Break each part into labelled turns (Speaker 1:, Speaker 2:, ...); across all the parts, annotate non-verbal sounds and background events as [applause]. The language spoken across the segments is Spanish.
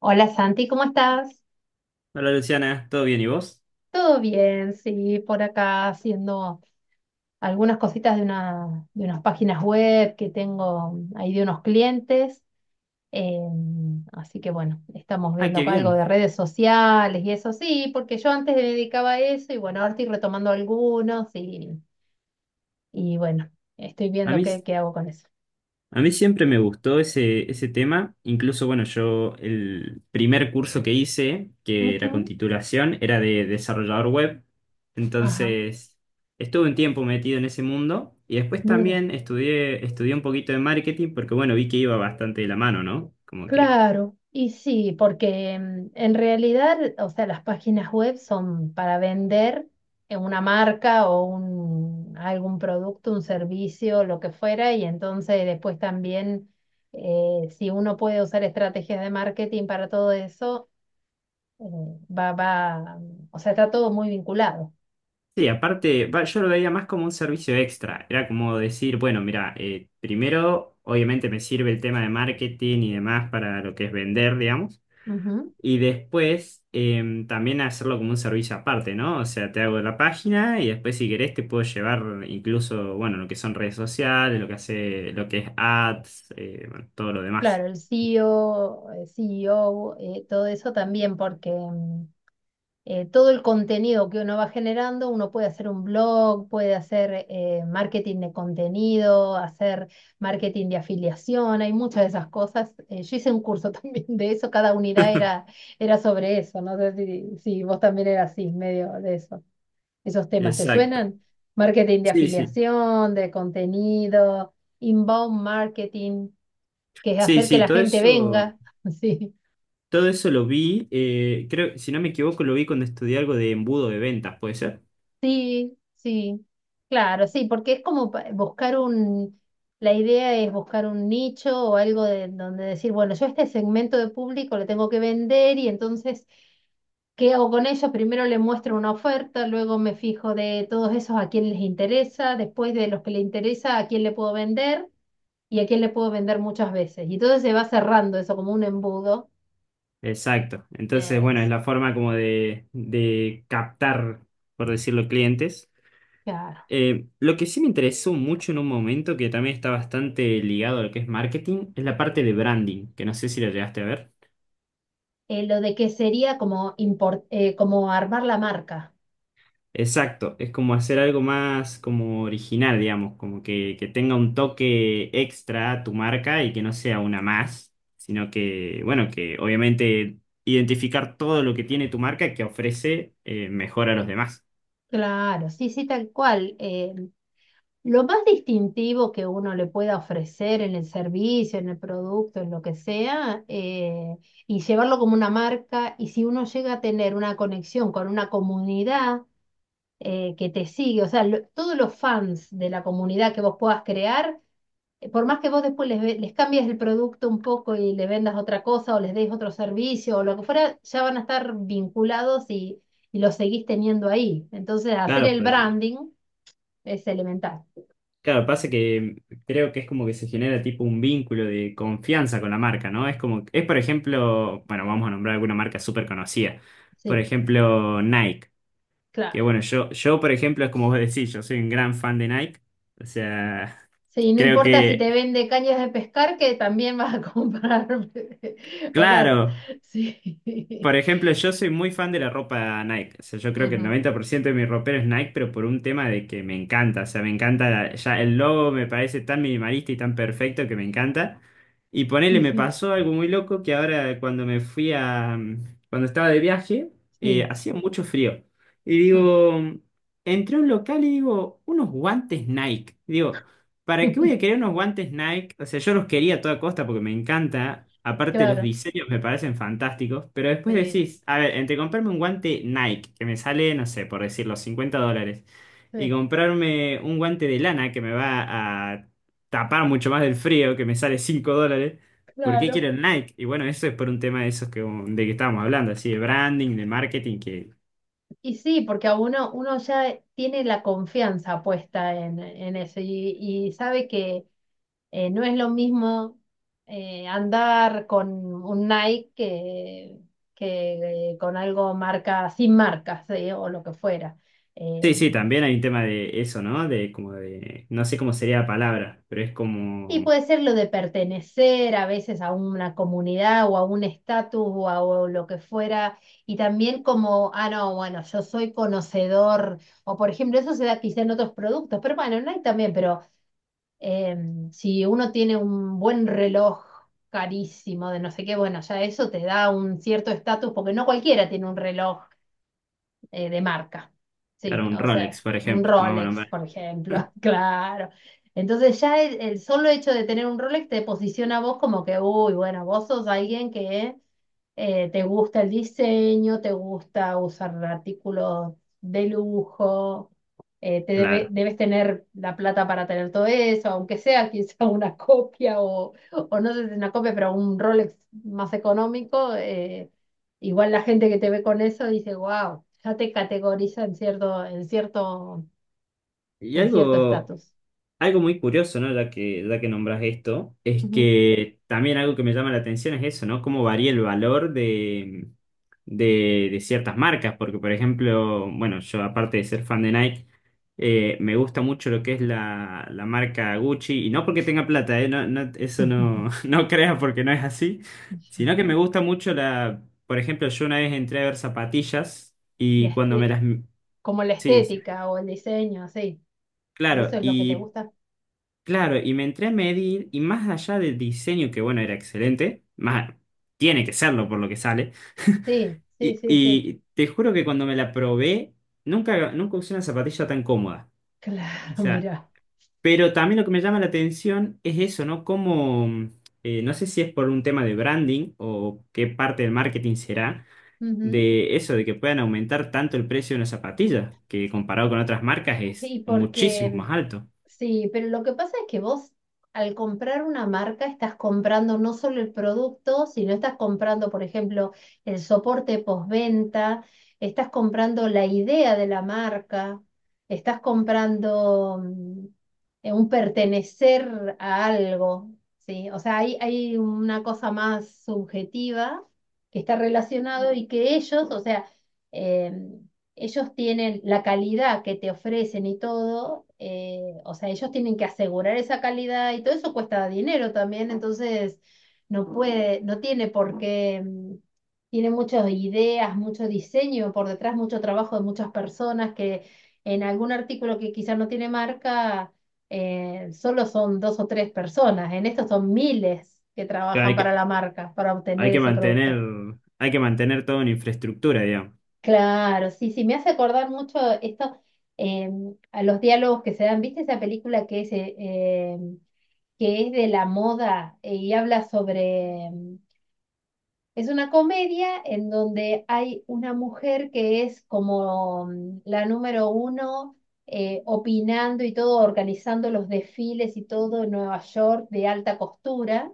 Speaker 1: Hola Santi, ¿cómo estás?
Speaker 2: Hola Luciana, ¿todo bien y vos?
Speaker 1: Todo bien, sí, por acá haciendo algunas cositas de unas páginas web que tengo ahí de unos clientes. eh, Así que bueno, estamos
Speaker 2: Ah,
Speaker 1: viendo
Speaker 2: qué
Speaker 1: algo
Speaker 2: bien.
Speaker 1: de redes sociales y eso sí, porque yo antes me dedicaba a eso y bueno, ahora estoy retomando algunos y bueno, estoy
Speaker 2: A
Speaker 1: viendo
Speaker 2: mí,
Speaker 1: qué hago con eso.
Speaker 2: a mí siempre me gustó ese tema. Incluso, bueno, yo el primer curso que hice, que era con
Speaker 1: Ujú.
Speaker 2: titulación, era de desarrollador web.
Speaker 1: Ajá.
Speaker 2: Entonces, estuve un tiempo metido en ese mundo y después
Speaker 1: Mira.
Speaker 2: también estudié un poquito de marketing porque, bueno, vi que iba bastante de la mano, ¿no? Como que
Speaker 1: Claro, y sí, porque en realidad, o sea, las páginas web son para vender una marca o algún producto, un servicio, lo que fuera, y entonces después también, si uno puede usar estrategias de marketing para todo eso, eh, va, o sea, está todo muy vinculado.
Speaker 2: sí, aparte, va, yo lo veía más como un servicio extra. Era como decir, bueno, mira, primero, obviamente me sirve el tema de marketing y demás para lo que es vender, digamos.
Speaker 1: Ujú.
Speaker 2: Y después, también hacerlo como un servicio aparte, ¿no? O sea, te hago la página y después, si querés, te puedo llevar incluso, bueno, lo que son redes sociales, lo que hace, lo que es ads, bueno, todo lo demás.
Speaker 1: Claro, el CEO, CEO, todo eso también, todo el contenido que uno va generando, uno puede hacer un blog, puede hacer marketing de contenido, hacer marketing de afiliación, hay muchas de esas cosas. Yo hice un curso [laughs] también de eso, cada unidad era sobre eso, no sé si vos también eras así, medio de eso. ¿Esos temas te
Speaker 2: Exacto.
Speaker 1: suenan? Marketing de
Speaker 2: Sí, sí.
Speaker 1: afiliación, de contenido, inbound marketing, que es
Speaker 2: Sí,
Speaker 1: hacer que
Speaker 2: sí,
Speaker 1: la
Speaker 2: todo
Speaker 1: gente
Speaker 2: eso.
Speaker 1: venga, [laughs] sí.
Speaker 2: Todo eso lo vi, creo, si no me equivoco, lo vi cuando estudié algo de embudo de ventas, ¿puede ser?
Speaker 1: Sí, sí, claro, sí, porque es como la idea es buscar un nicho o algo de donde decir, bueno, yo a este segmento de público le tengo que vender y entonces, ¿qué hago con ellos? Primero le muestro una oferta, luego me fijo de todos esos a quién les interesa, después de los que le interesa, a quién le puedo vender y a quién le puedo vender muchas veces. Y entonces se va cerrando eso como un embudo.
Speaker 2: Exacto. Entonces, bueno, es
Speaker 1: Es,
Speaker 2: la forma como de captar, por decirlo, clientes.
Speaker 1: claro.
Speaker 2: Lo que sí me interesó mucho en un momento, que también está bastante ligado a lo que es marketing, es la parte de branding, que no sé si lo llegaste a ver.
Speaker 1: Lo de que sería como, como armar la marca.
Speaker 2: Exacto, es como hacer algo más como original, digamos, como que tenga un toque extra a tu marca y que no sea una más, sino que, bueno, que obviamente identificar todo lo que tiene tu marca que ofrece mejor a los demás.
Speaker 1: Claro, sí, sí, tal cual. Lo más distintivo que uno le pueda ofrecer en el servicio, en el producto, en lo que sea, y llevarlo como una marca, y si uno llega a tener una conexión con una comunidad que te sigue, o sea, todos los fans de la comunidad que vos puedas crear, por más que vos después les cambies el producto un poco y le vendas otra cosa o les des otro servicio o lo que fuera, ya van a estar vinculados y los seguís teniendo ahí. Entonces, hacer
Speaker 2: Claro,
Speaker 1: el
Speaker 2: pero
Speaker 1: branding es elemental.
Speaker 2: claro, pasa que creo que es como que se genera tipo un vínculo de confianza con la marca, ¿no? Es como, es por ejemplo, bueno, vamos a nombrar alguna marca súper conocida. Por
Speaker 1: Sí,
Speaker 2: ejemplo, Nike. Que
Speaker 1: claro.
Speaker 2: bueno, yo, por ejemplo, es como vos decís, yo soy un gran fan de Nike. O sea,
Speaker 1: Sí, no
Speaker 2: creo
Speaker 1: importa si
Speaker 2: que,
Speaker 1: te vende cañas de pescar, que también vas a comprar. [laughs] O sea,
Speaker 2: claro,
Speaker 1: sí.
Speaker 2: por
Speaker 1: [laughs]
Speaker 2: ejemplo, yo soy muy fan de la ropa Nike. O sea, yo creo que el
Speaker 1: Ujú.
Speaker 2: 90% de mi ropero es Nike, pero por un tema de que me encanta. O sea, me encanta, la ya el logo me parece tan minimalista y tan perfecto que me encanta. Y ponele,
Speaker 1: Sí,
Speaker 2: me
Speaker 1: sí,
Speaker 2: pasó algo muy loco que ahora cuando me fui a, cuando estaba de viaje,
Speaker 1: sí.
Speaker 2: hacía mucho frío. Y
Speaker 1: [laughs]
Speaker 2: digo, entré a un local y digo, unos guantes Nike. Digo, ¿para qué voy a querer unos guantes Nike? O sea, yo los quería a toda costa porque me encanta. Aparte, los
Speaker 1: Claro,
Speaker 2: diseños me parecen fantásticos. Pero después
Speaker 1: sí,
Speaker 2: decís, a ver, entre comprarme un guante Nike, que me sale, no sé, por decirlo, 50 dólares, y
Speaker 1: sí,
Speaker 2: comprarme un guante de lana que me va a tapar mucho más del frío, que me sale 5 dólares, ¿por qué
Speaker 1: claro.
Speaker 2: quiero el Nike? Y bueno, eso es por un tema de esos que, de que estábamos hablando, así de branding, de marketing, que.
Speaker 1: Y sí, porque uno ya tiene la confianza puesta en eso y sabe que no es lo mismo andar con un Nike que, que con algo marca, sin marcas, o lo que fuera. Eh,
Speaker 2: Sí, sí, también hay un tema de eso, ¿no? De como de. No sé cómo sería la palabra, pero es
Speaker 1: Y
Speaker 2: como.
Speaker 1: puede ser lo de pertenecer a veces a una comunidad o a un estatus o a o lo que fuera, y también como, ah, no, bueno, yo soy conocedor, o por ejemplo, eso se da quizá en otros productos, pero bueno, no hay también, pero si uno tiene un buen reloj carísimo de no sé qué, bueno, ya eso te da un cierto estatus, porque no cualquiera tiene un reloj de marca, sí,
Speaker 2: Claro, un
Speaker 1: o
Speaker 2: Rolex,
Speaker 1: sea,
Speaker 2: por
Speaker 1: un
Speaker 2: ejemplo, vamos a
Speaker 1: Rolex,
Speaker 2: nombrar.
Speaker 1: por ejemplo, [laughs] claro. Entonces ya el solo hecho de tener un Rolex te posiciona a vos como que, uy, bueno, vos sos alguien que ¿te gusta el diseño? ¿Te gusta usar artículos de lujo?
Speaker 2: Claro.
Speaker 1: Debes tener la plata para tener todo eso, aunque sea quizá [laughs] una copia o no sé si una copia, pero un Rolex más económico. Igual la gente que te ve con eso dice, wow, ya te categoriza en cierto,
Speaker 2: Y
Speaker 1: en cierto
Speaker 2: algo,
Speaker 1: estatus.
Speaker 2: algo muy curioso, ¿no? Ya que nombras esto, es
Speaker 1: Ujú.
Speaker 2: que también algo que me llama la atención es eso, ¿no? Cómo varía el valor de ciertas marcas. Porque, por ejemplo, bueno, yo aparte de ser fan de Nike, me gusta mucho lo que es la marca Gucci. Y no porque tenga plata, ¿eh? No, no eso no, [laughs]
Speaker 1: [laughs]
Speaker 2: no creas porque no es así. Sino que me gusta mucho la Por ejemplo, yo una vez entré a ver zapatillas
Speaker 1: La
Speaker 2: y cuando me
Speaker 1: este-
Speaker 2: las
Speaker 1: Como la
Speaker 2: Sí, sí,
Speaker 1: estética o el diseño, sí. Eso
Speaker 2: claro.
Speaker 1: es lo que te
Speaker 2: Y
Speaker 1: gusta.
Speaker 2: claro, y me entré a medir y más allá del diseño, que bueno, era excelente, más, tiene que serlo por lo que sale,
Speaker 1: Sí,
Speaker 2: [laughs]
Speaker 1: sí, sí, sí.
Speaker 2: y te juro que cuando me la probé, nunca usé una zapatilla tan cómoda.
Speaker 1: [laughs]
Speaker 2: O
Speaker 1: Claro,
Speaker 2: sea,
Speaker 1: mira.
Speaker 2: pero también lo que me llama la atención es eso, ¿no? Como, no sé si es por un tema de branding o qué parte del marketing será,
Speaker 1: Ujú.
Speaker 2: de eso, de que puedan aumentar tanto el precio de una zapatilla, que comparado con otras marcas es
Speaker 1: Y
Speaker 2: muchísimo
Speaker 1: porque,
Speaker 2: más alto.
Speaker 1: sí, pero lo que pasa es que vos al comprar una marca estás comprando no solo el producto, sino estás comprando, por ejemplo, el soporte postventa, estás comprando la idea de la marca, estás comprando un pertenecer a algo, ¿sí? O sea, hay una cosa más subjetiva que está relacionado y que ellos, o sea, em, ellos tienen la calidad que te ofrecen y todo, o sea, ellos tienen que asegurar esa calidad y todo eso cuesta dinero también, entonces no puede, no tiene por qué, tiene muchas ideas, mucho diseño por detrás, mucho trabajo de muchas personas que en algún artículo que quizás no tiene marca, solo son dos o tres personas, en esto son miles que
Speaker 2: Claro,
Speaker 1: trabajan para la marca, para
Speaker 2: Hay
Speaker 1: obtener
Speaker 2: que
Speaker 1: ese
Speaker 2: mantener,
Speaker 1: producto.
Speaker 2: hay que mantener todo en infraestructura, digamos.
Speaker 1: Claro, sí, sí, me hace acordar mucho esto eh, a los diálogos que se dan. ¿Viste esa película que es de la moda y habla sobre es una comedia en donde hay una mujer que es como la número uno opinando y todo, organizando los desfiles y todo en Nueva York de alta costura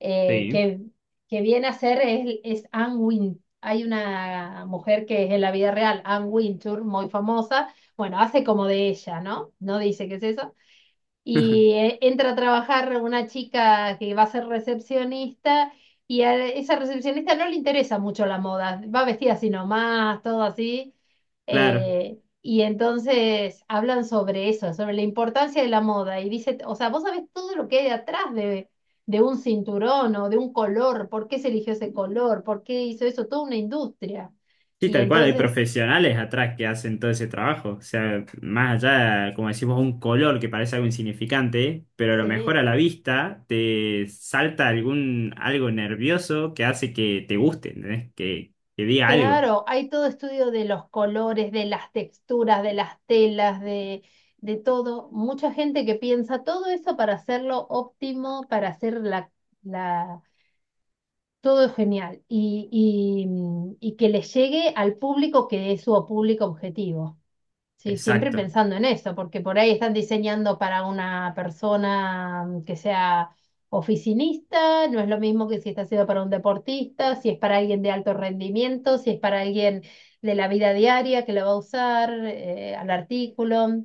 Speaker 1: eh,
Speaker 2: Sí,
Speaker 1: que, que viene a ser es Anne Win. Hay una mujer que es en la vida real, Anne Wintour, muy famosa. Bueno, hace como de ella, ¿no? No dice qué es eso.
Speaker 2: [laughs]
Speaker 1: Entra a trabajar una chica que va a ser recepcionista y a esa recepcionista no le interesa mucho la moda, va vestida así nomás, todo así.
Speaker 2: claro.
Speaker 1: Y entonces hablan sobre eso, sobre la importancia de la moda y dice, o sea, vos sabés todo lo que hay detrás de un cinturón o de un color, por qué se eligió ese color, por qué hizo eso, toda una industria.
Speaker 2: Sí,
Speaker 1: Y
Speaker 2: tal cual, hay
Speaker 1: entonces,
Speaker 2: profesionales atrás que hacen todo ese trabajo. O sea, más allá, como decimos, un color que parece algo insignificante, pero a lo mejor
Speaker 1: sí.
Speaker 2: a la vista te salta algún algo nervioso que hace que te guste, ¿entendés? Que diga algo.
Speaker 1: Claro, hay todo estudio de los colores, de las texturas, de las telas, de todo. Mucha gente que piensa todo eso para hacerlo óptimo, para hacer la, todo genial y que le llegue al público que es su público objetivo. Sí, siempre
Speaker 2: Exacto.
Speaker 1: pensando en eso, porque por ahí están diseñando para una persona que sea oficinista, no es lo mismo que si está siendo para un deportista, si es para alguien de alto rendimiento, si es para alguien de la vida diaria que lo va a usar, al artículo.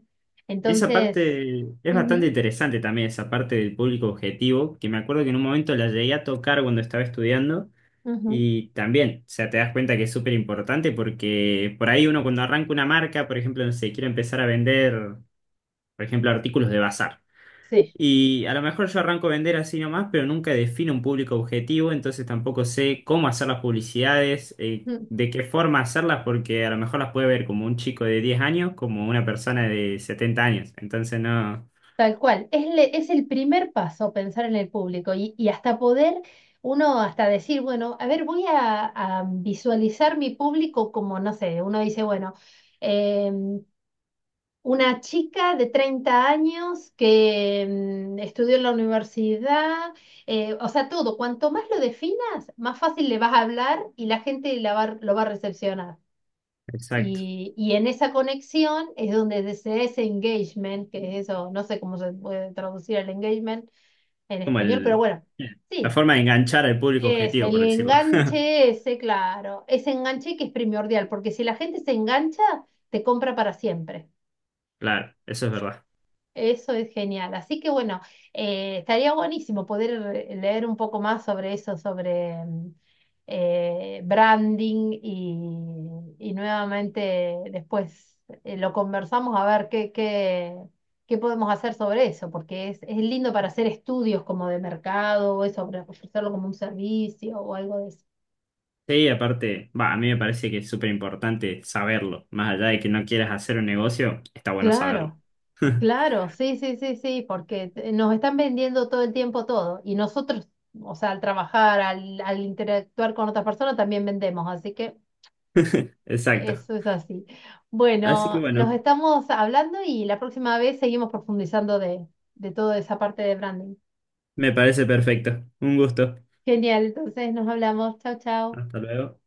Speaker 2: Y esa
Speaker 1: Entonces,
Speaker 2: parte es bastante interesante también, esa parte del público objetivo, que me acuerdo que en un momento la llegué a tocar cuando estaba estudiando.
Speaker 1: ujú, ujú,
Speaker 2: Y también, o sea, te das cuenta que es súper importante porque por ahí uno cuando arranca una marca, por ejemplo, no sé, quiere empezar a vender, por ejemplo, artículos de bazar.
Speaker 1: sí.
Speaker 2: Y a lo mejor yo arranco a vender así nomás, pero nunca defino un público objetivo, entonces tampoco sé cómo hacer las publicidades, de qué forma hacerlas, porque a lo mejor las puede ver como un chico de 10 años, como una persona de 70 años. Entonces no,
Speaker 1: Tal cual, es el primer paso pensar en el público y hasta poder uno hasta decir, bueno, a ver, voy a visualizar mi público como, no sé, uno dice, bueno, eh, una chica de 30 años que estudió en la universidad, o sea, todo, cuanto más lo definas, más fácil le vas a hablar y la gente lo va a recepcionar.
Speaker 2: exacto,
Speaker 1: Y en esa conexión es donde se da ese engagement, que es eso, no sé cómo se puede traducir el engagement en
Speaker 2: como
Speaker 1: español, pero
Speaker 2: el,
Speaker 1: bueno,
Speaker 2: la
Speaker 1: sí,
Speaker 2: forma de enganchar al público
Speaker 1: es
Speaker 2: objetivo,
Speaker 1: el
Speaker 2: por decirlo. [laughs]
Speaker 1: enganche ese, claro, ese enganche que es primordial, porque si la gente se engancha, te compra para siempre.
Speaker 2: Claro, eso es verdad.
Speaker 1: Eso es genial. Así que bueno, estaría buenísimo poder leer un poco más sobre eso, sobre branding y nuevamente después lo conversamos a ver qué podemos hacer sobre eso, porque es lindo para hacer estudios como de mercado o eso, para ofrecerlo como un servicio o algo de eso.
Speaker 2: Sí, aparte, va, a mí me parece que es súper importante saberlo. Más allá de que no quieras hacer un negocio, está bueno saberlo.
Speaker 1: Claro.
Speaker 2: [laughs]
Speaker 1: Claro, sí, sí, sí, sí, porque nos están vendiendo todo el tiempo todo y nosotros, o sea, al trabajar, al interactuar con otras personas también vendemos, así que
Speaker 2: Exacto.
Speaker 1: eso es así.
Speaker 2: Así que
Speaker 1: Bueno, nos
Speaker 2: bueno,
Speaker 1: estamos hablando y la próxima vez seguimos profundizando de toda esa parte de branding.
Speaker 2: me parece perfecto. Un gusto.
Speaker 1: Genial, entonces nos hablamos. Chao, chao.
Speaker 2: Hasta luego.